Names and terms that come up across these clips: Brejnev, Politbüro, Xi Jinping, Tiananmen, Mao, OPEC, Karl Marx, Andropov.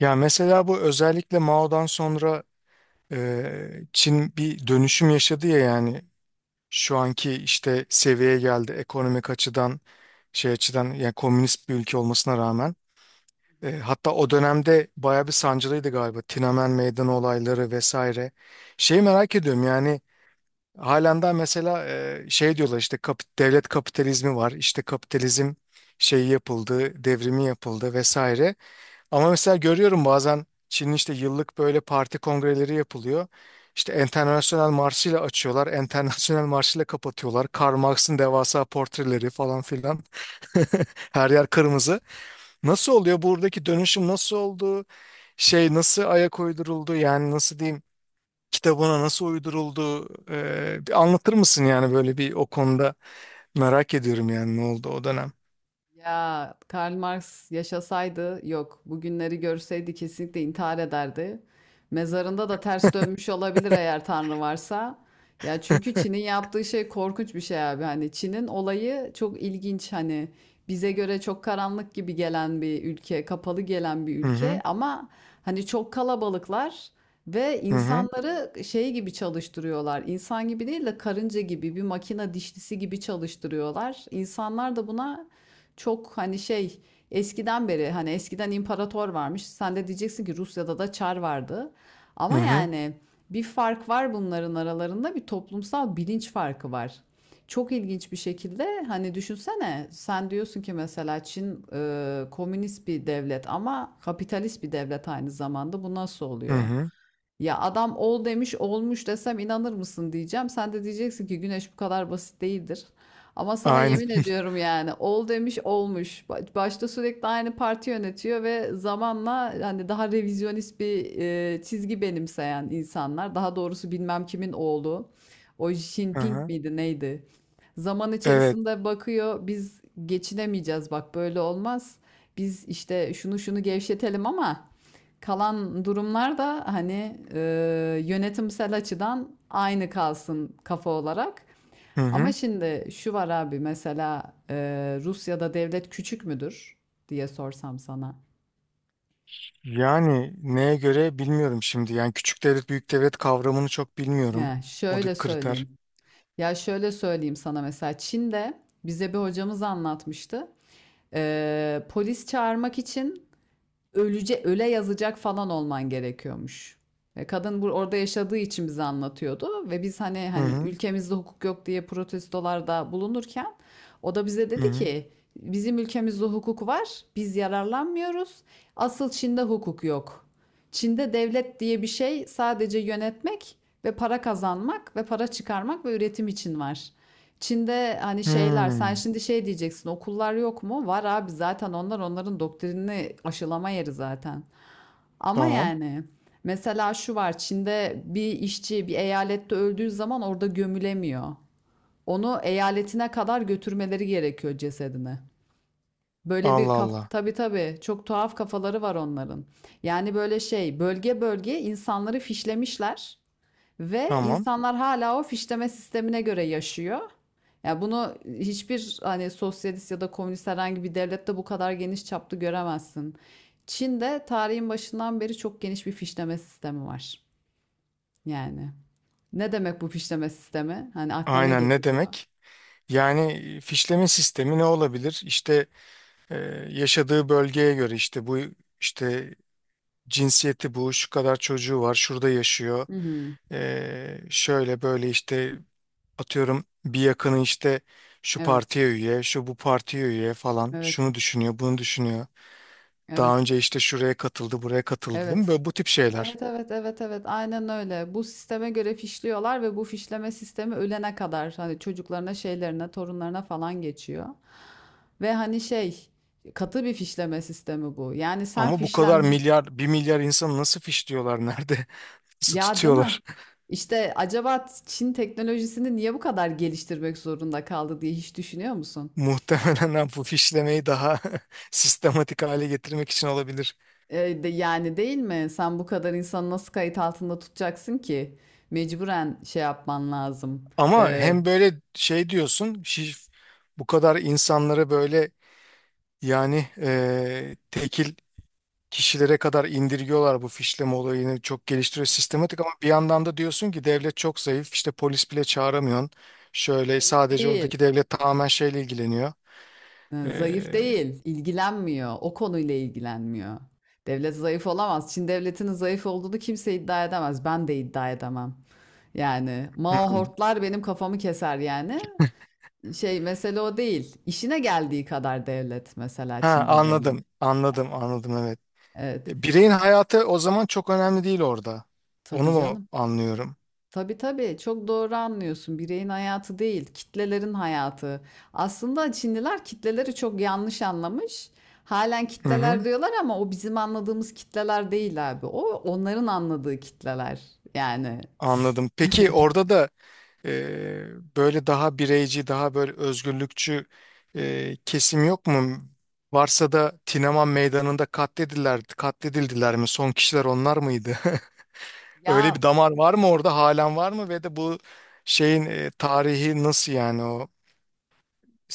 Ya mesela bu özellikle Mao'dan sonra Çin bir dönüşüm yaşadı ya yani şu anki işte seviyeye geldi ekonomik açıdan şey açıdan yani komünist bir ülke olmasına rağmen. Hı hı. Hatta o dönemde bayağı bir sancılıydı galiba Tiananmen Meydanı olayları vesaire. Şeyi Evet. merak ediyorum yani halen daha mesela şey diyorlar işte devlet kapitalizmi var işte kapitalizm şeyi yapıldı devrimi yapıldı vesaire. Ama mesela görüyorum bazen Çin'in işte yıllık böyle parti kongreleri yapılıyor. İşte Enternasyonel Marşı'yla açıyorlar, Enternasyonel Marşı'yla kapatıyorlar. Karl Marx'ın devasa portreleri falan filan. Her yer kırmızı. Nasıl oluyor buradaki dönüşüm nasıl oldu? Şey nasıl ayak uyduruldu? Yani nasıl diyeyim? Kitabına nasıl uyduruldu? Bir anlatır mısın yani böyle bir o konuda merak ediyorum yani ne oldu o dönem? Ya Karl Marx yaşasaydı yok. Bugünleri görseydi kesinlikle intihar ederdi. Mezarında da ters dönmüş olabilir eğer Tanrı varsa. Ya çünkü Çin'in yaptığı şey korkunç bir şey abi. Hani Çin'in olayı çok ilginç. Hani bize göre çok karanlık gibi gelen bir ülke, kapalı gelen bir Hı ülke hı. ama hani çok kalabalıklar ve Hı hı. insanları şey gibi çalıştırıyorlar. İnsan gibi değil de karınca gibi bir makine dişlisi gibi çalıştırıyorlar. İnsanlar da buna çok hani şey eskiden beri hani eskiden imparator varmış. Sen de diyeceksin ki Rusya'da da çar vardı. Hı Ama hı. yani bir fark var bunların aralarında bir toplumsal bilinç farkı var. Çok ilginç bir şekilde hani düşünsene sen diyorsun ki mesela Çin komünist bir devlet ama kapitalist bir devlet aynı zamanda bu nasıl Hı oluyor? hı. Ya adam ol demiş olmuş desem inanır mısın diyeceğim. Sen de diyeceksin ki güneş bu kadar basit değildir. Ama sana Aynen. yemin ediyorum yani ol demiş olmuş. Başta sürekli aynı parti yönetiyor ve zamanla hani daha revizyonist bir çizgi benimseyen insanlar. Daha doğrusu bilmem kimin oğlu. O Xi Jinping Aha. miydi neydi? Zaman Evet. içerisinde bakıyor biz geçinemeyeceğiz bak böyle olmaz. Biz işte şunu şunu gevşetelim ama... Kalan durumlar da hani yönetimsel açıdan aynı kalsın kafa olarak. Hı Ama hı. şimdi şu var abi mesela Rusya'da devlet küçük müdür diye sorsam sana. Yani neye göre bilmiyorum şimdi. Yani küçük devlet büyük devlet kavramını çok bilmiyorum. Ya şöyle Oradaki kriter. söyleyeyim. Ya şöyle söyleyeyim sana mesela Çin'de bize bir hocamız anlatmıştı. Polis çağırmak için öle yazacak falan olman gerekiyormuş. Ve kadın orada yaşadığı için bize anlatıyordu ve biz hani Hı hı. ülkemizde hukuk yok diye protestolarda bulunurken o da bize Hı dedi hı. ki bizim ülkemizde hukuk var, biz yararlanmıyoruz. Asıl Çin'de hukuk yok. Çin'de devlet diye bir şey sadece yönetmek ve para kazanmak ve para çıkarmak ve üretim için var. Çin'de hani şeyler sen Hmm. şimdi şey diyeceksin okullar yok mu? Var abi zaten onlar onların doktrinini aşılama yeri zaten. Ama Tamam. yani mesela şu var Çin'de bir işçi bir eyalette öldüğü zaman orada gömülemiyor. Onu eyaletine kadar götürmeleri gerekiyor cesedini. Böyle bir Allah kaf Allah. tabii tabii çok tuhaf kafaları var onların. Yani böyle şey bölge bölge insanları fişlemişler. Ve Tamam. insanlar hala o fişleme sistemine göre yaşıyor. Yani bunu hiçbir hani sosyalist ya da komünist herhangi bir devlette bu kadar geniş çaplı göremezsin. Çin'de tarihin başından beri çok geniş bir fişleme sistemi var. Yani ne demek bu fişleme sistemi? Hani aklına ne Aynen ne getiriyor? demek? Yani fişleme sistemi ne olabilir? İşte e, yaşadığı bölgeye göre işte bu işte cinsiyeti bu şu kadar çocuğu var şurada yaşıyor. Hı hı. Şöyle böyle işte atıyorum bir yakını işte şu Evet, partiye üye, şu bu partiye üye falan. evet, Şunu düşünüyor, bunu düşünüyor. Daha evet, önce işte şuraya katıldı, buraya katıldı değil mi? evet. Böyle bu tip şeyler. Evet, evet, evet, evet, aynen öyle. Bu sisteme göre fişliyorlar ve bu fişleme sistemi ölene kadar hani çocuklarına, şeylerine, torunlarına falan geçiyor. Ve hani şey katı bir fişleme sistemi bu. Yani sen Ama bu kadar fişlendin. milyar, 1 milyar insanı nasıl fişliyorlar nerede? Nasıl Ya değil mi? tutuyorlar? İşte acaba Çin teknolojisini niye bu kadar geliştirmek zorunda kaldı diye hiç düşünüyor musun? Muhtemelen bu fişlemeyi daha sistematik hale getirmek için olabilir. Yani değil mi? Sen bu kadar insanı nasıl kayıt altında tutacaksın ki? Mecburen şey yapman lazım. Ama E, hem böyle şey diyorsun, bu kadar insanları böyle yani tekil kişilere kadar indirgiyorlar bu fişleme olayını çok geliştiriyor sistematik ama bir yandan da diyorsun ki devlet çok zayıf işte polis bile çağıramıyorsun. Şöyle Zayıf sadece değil. oradaki devlet tamamen şeyle ilgileniyor. Ha, Ee, zayıf değil, ilgilenmiyor. O konuyla ilgilenmiyor. Devlet zayıf olamaz. Çin devletinin zayıf olduğunu kimse iddia edemez. Ben de iddia edemem. Yani Mao hmm. hortlar benim kafamı keser yani. Şey mesele o değil. İşine geldiği kadar devlet mesela Ha Çin'de devlet. anladım anladım anladım evet. Evet. Bireyin hayatı o zaman çok önemli değil orada. Onu Tabii mu canım. anlıyorum? Tabii tabii çok doğru anlıyorsun. Bireyin hayatı değil, kitlelerin hayatı. Aslında Çinliler kitleleri çok yanlış anlamış. Halen Hı kitleler hı, diyorlar ama o bizim anladığımız kitleler değil abi. O onların anladığı kitleler. Yani anladım. Peki orada da Ee, böyle daha bireyci, daha böyle özgürlükçü kesim yok mu? Varsa da Tineman Meydanı'nda katledildiler, katledildiler mi? Son kişiler onlar mıydı? Öyle ya bir damar var mı orada? Halen var mı? Ve de bu şeyin tarihi nasıl yani o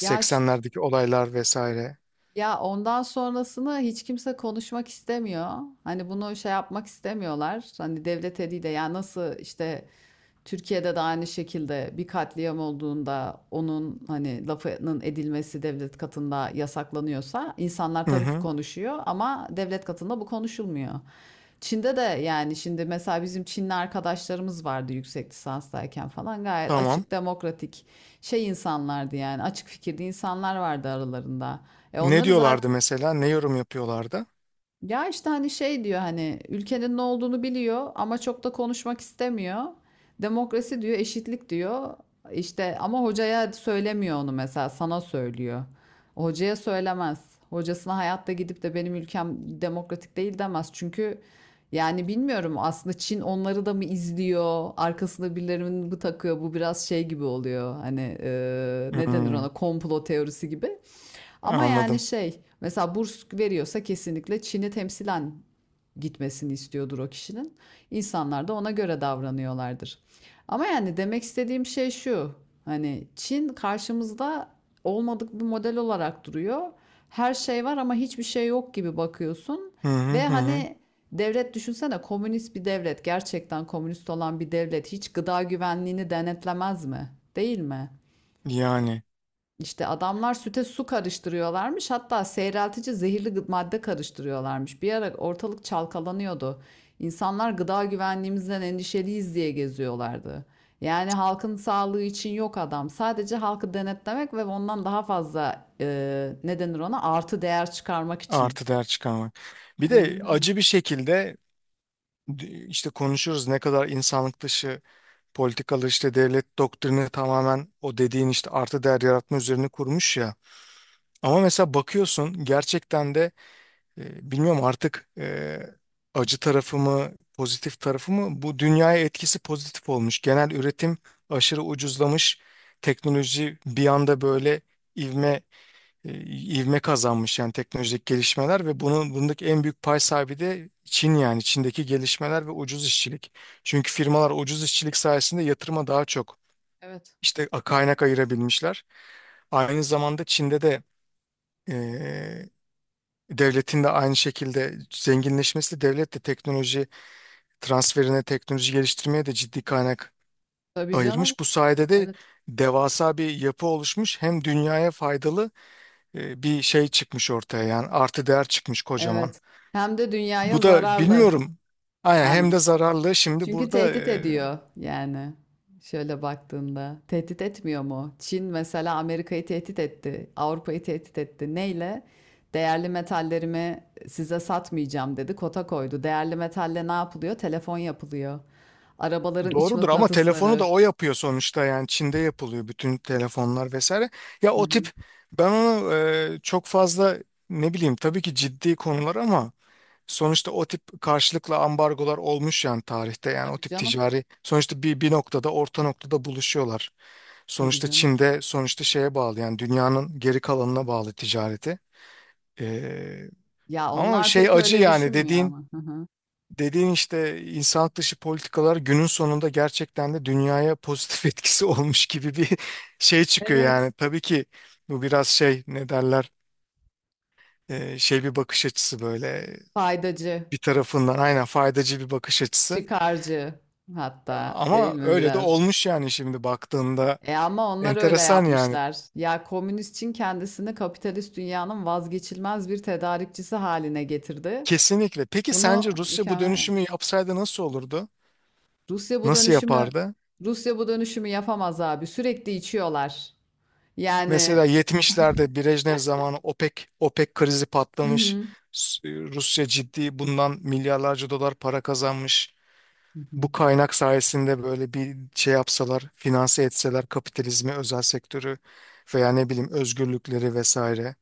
yaş olaylar vesaire? ya ondan sonrasını hiç kimse konuşmak istemiyor. Hani bunu şey yapmak istemiyorlar. Hani devlet eliyle ya nasıl işte Türkiye'de de aynı şekilde bir katliam olduğunda onun hani lafının edilmesi devlet katında yasaklanıyorsa insanlar Hı tabii ki hı, konuşuyor ama devlet katında bu konuşulmuyor. Çin'de de yani şimdi mesela bizim Çinli arkadaşlarımız vardı yüksek lisanstayken falan gayet tamam. açık, demokratik şey insanlardı yani açık fikirli insanlar vardı aralarında. E Ne onları diyorlardı zaten mesela? Ne yorum yapıyorlardı? ya işte hani şey diyor hani ülkenin ne olduğunu biliyor ama çok da konuşmak istemiyor. Demokrasi diyor, eşitlik diyor. İşte ama hocaya söylemiyor onu mesela sana söylüyor. O hocaya söylemez. Hocasına hayatta gidip de benim ülkem demokratik değil demez. Çünkü yani bilmiyorum aslında Çin onları da mı izliyor? Arkasında birilerinin bu takıyor. Bu biraz şey gibi oluyor. Hani ne denir Hmm, ona komplo teorisi gibi. Ama yani anladım. şey mesela burs veriyorsa kesinlikle Çin'i temsilen gitmesini istiyordur o kişinin. İnsanlar da ona göre davranıyorlardır. Ama yani demek istediğim şey şu. Hani Çin karşımızda olmadık bir model olarak duruyor. Her şey var ama hiçbir şey yok gibi bakıyorsun. Hı hı Ve hı. Hı. hani devlet düşünsene komünist bir devlet, gerçekten komünist olan bir devlet hiç gıda güvenliğini denetlemez mi? Değil mi? Yani İşte adamlar süte su karıştırıyorlarmış. Hatta seyreltici zehirli madde karıştırıyorlarmış. Bir ara ortalık çalkalanıyordu. İnsanlar gıda güvenliğimizden endişeliyiz diye geziyorlardı. Yani halkın sağlığı için yok adam. Sadece halkı denetlemek ve ondan daha fazla ne denir ona artı değer çıkarmak için. artı değer çıkarmak. Bir de Aynen öyle. acı bir şekilde işte konuşuyoruz ne kadar insanlık dışı politikalar işte devlet doktrini tamamen o dediğin işte artı değer yaratma üzerine kurmuş ya. Ama mesela bakıyorsun gerçekten de bilmiyorum artık acı tarafı mı pozitif tarafı mı bu dünyaya etkisi pozitif olmuş. Genel üretim aşırı ucuzlamış. Teknoloji bir anda böyle ivme e, ivme kazanmış yani teknolojik gelişmeler ve bunun bundaki en büyük pay sahibi de Çin yani Çin'deki gelişmeler ve ucuz işçilik. Çünkü firmalar ucuz işçilik sayesinde yatırıma daha çok Evet. işte kaynak ayırabilmişler. Aynı zamanda Çin'de de e, devletin de aynı şekilde zenginleşmesi devlet de teknoloji transferine, teknoloji geliştirmeye de ciddi kaynak Tabii canım. ayırmış. Bu sayede de Evet. devasa bir yapı oluşmuş. Hem dünyaya faydalı bir şey çıkmış ortaya yani artı değer çıkmış kocaman. Evet. Hem de dünyaya Bu da zararlı. bilmiyorum. Aynen Hem hem de zararlı. Şimdi çünkü burada tehdit ediyor yani. Şöyle baktığında tehdit etmiyor mu? Çin mesela Amerika'yı tehdit etti, Avrupa'yı tehdit etti. Neyle? Değerli metallerimi size satmayacağım dedi, kota koydu. Değerli metalle ne yapılıyor? Telefon yapılıyor. Arabaların iç doğrudur ama telefonu da mıknatısları. o yapıyor sonuçta yani Çin'de yapılıyor bütün telefonlar vesaire. Ya Hı o hı. tip ben onu çok fazla ne bileyim tabii ki ciddi konular ama sonuçta o tip karşılıklı ambargolar olmuş yani tarihte yani o Tabii tip canım, ticari sonuçta bir noktada orta noktada buluşuyorlar. tabii Sonuçta canım. Çin'de sonuçta şeye bağlı yani dünyanın geri kalanına bağlı ticareti. Ee, Ya ama onlar şey pek acı öyle yani düşünmüyor dediğin ama. Hı hı. dediğin işte insanlık dışı politikalar günün sonunda gerçekten de dünyaya pozitif etkisi olmuş gibi bir şey çıkıyor Evet. yani. Tabii ki bu biraz şey ne derler şey bir bakış açısı böyle Faydacı, bir tarafından aynen faydacı bir bakış açısı. çıkarcı hatta değil Ama mi öyle de biraz? olmuş yani şimdi baktığında E ama onlar öyle enteresan yani. yapmışlar. Ya komünist Çin kendisini kapitalist dünyanın vazgeçilmez bir tedarikçisi haline getirdi. Kesinlikle. Peki Bunu sence Rusya bu mükemmel. dönüşümü yapsaydı nasıl olurdu? Rusya bu Nasıl dönüşümü yapardı? Rusya bu dönüşümü yapamaz abi. Sürekli içiyorlar. Yani Mesela 70'lerde Brejnev zamanı OPEC krizi Hı patlamış. hı. Rusya ciddi bundan milyarlarca dolar para kazanmış. Hı hı. Bu kaynak sayesinde böyle bir şey yapsalar, finanse etseler kapitalizmi, özel sektörü veya ne bileyim özgürlükleri vesaire.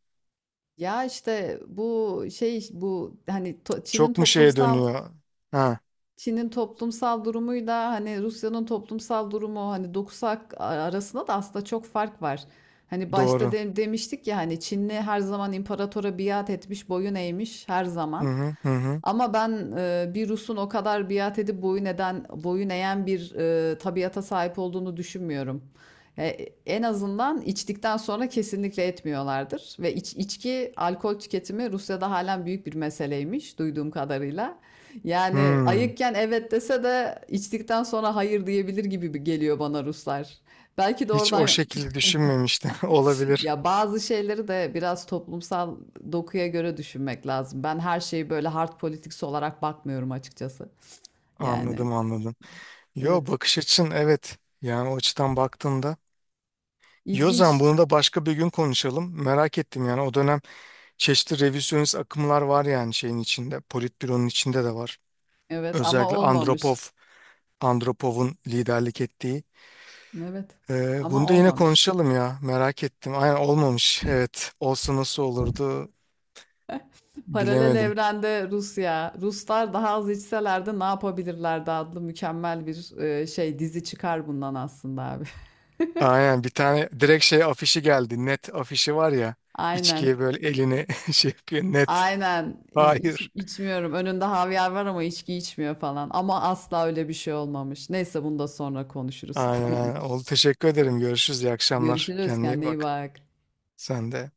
Ya işte bu hani Çok mu şeye dönüyor? Ha, Çin'in toplumsal durumuyla hani Rusya'nın toplumsal durumu hani dokusu arasında da aslında çok fark var. Hani başta doğru. Demiştik ya hani Çinli her zaman imparatora biat etmiş, boyun eğmiş her Hı zaman. hı hı. Hı. Ama ben bir Rus'un o kadar biat edip boyun eden, boyun eğen bir tabiata sahip olduğunu düşünmüyorum. E, En azından içtikten sonra kesinlikle etmiyorlardır. Ve içki, alkol tüketimi Rusya'da halen büyük bir meseleymiş duyduğum kadarıyla. Yani Hmm. ayıkken evet dese de içtikten sonra hayır diyebilir gibi geliyor bana Ruslar. Belki de Hiç o oradan şekilde düşünmemiştim. Olabilir. ya bazı şeyleri de biraz toplumsal dokuya göre düşünmek lazım. Ben her şeyi böyle hard politics olarak bakmıyorum açıkçası. Yani Anladım anladım. Yo evet. bakış açın evet. Yani o açıdan baktığında Yozan İlginç. bunu da başka bir gün konuşalım. Merak ettim yani o dönem çeşitli revizyonist akımlar var yani şeyin içinde. Politbüronun içinde de var. Evet ama Özellikle Andropov, olmamış. Andropov'un liderlik ettiği. Evet. Ee, Ama bunu da yine olmamış. konuşalım ya. Merak ettim. Aynen olmamış. Evet. Olsa nasıl olurdu Paralel bilemedim. evrende Rusya, Ruslar daha az içselerdi ne yapabilirlerdi adlı mükemmel bir şey dizi çıkar bundan aslında abi. Aynen bir tane direkt şey afişi geldi. Net afişi var ya. Aynen. İçkiye böyle elini şey yapıyor. Net. Aynen. Hayır. İçmiyorum. Önünde havyar var ama içki içmiyor falan. Ama asla öyle bir şey olmamış. Neyse bunu da sonra konuşuruz. Aynen aynen. Tamamdır. Oldu teşekkür ederim. Görüşürüz. İyi akşamlar. Görüşürüz. Kendine iyi Kendine iyi bak. bak. Sen de.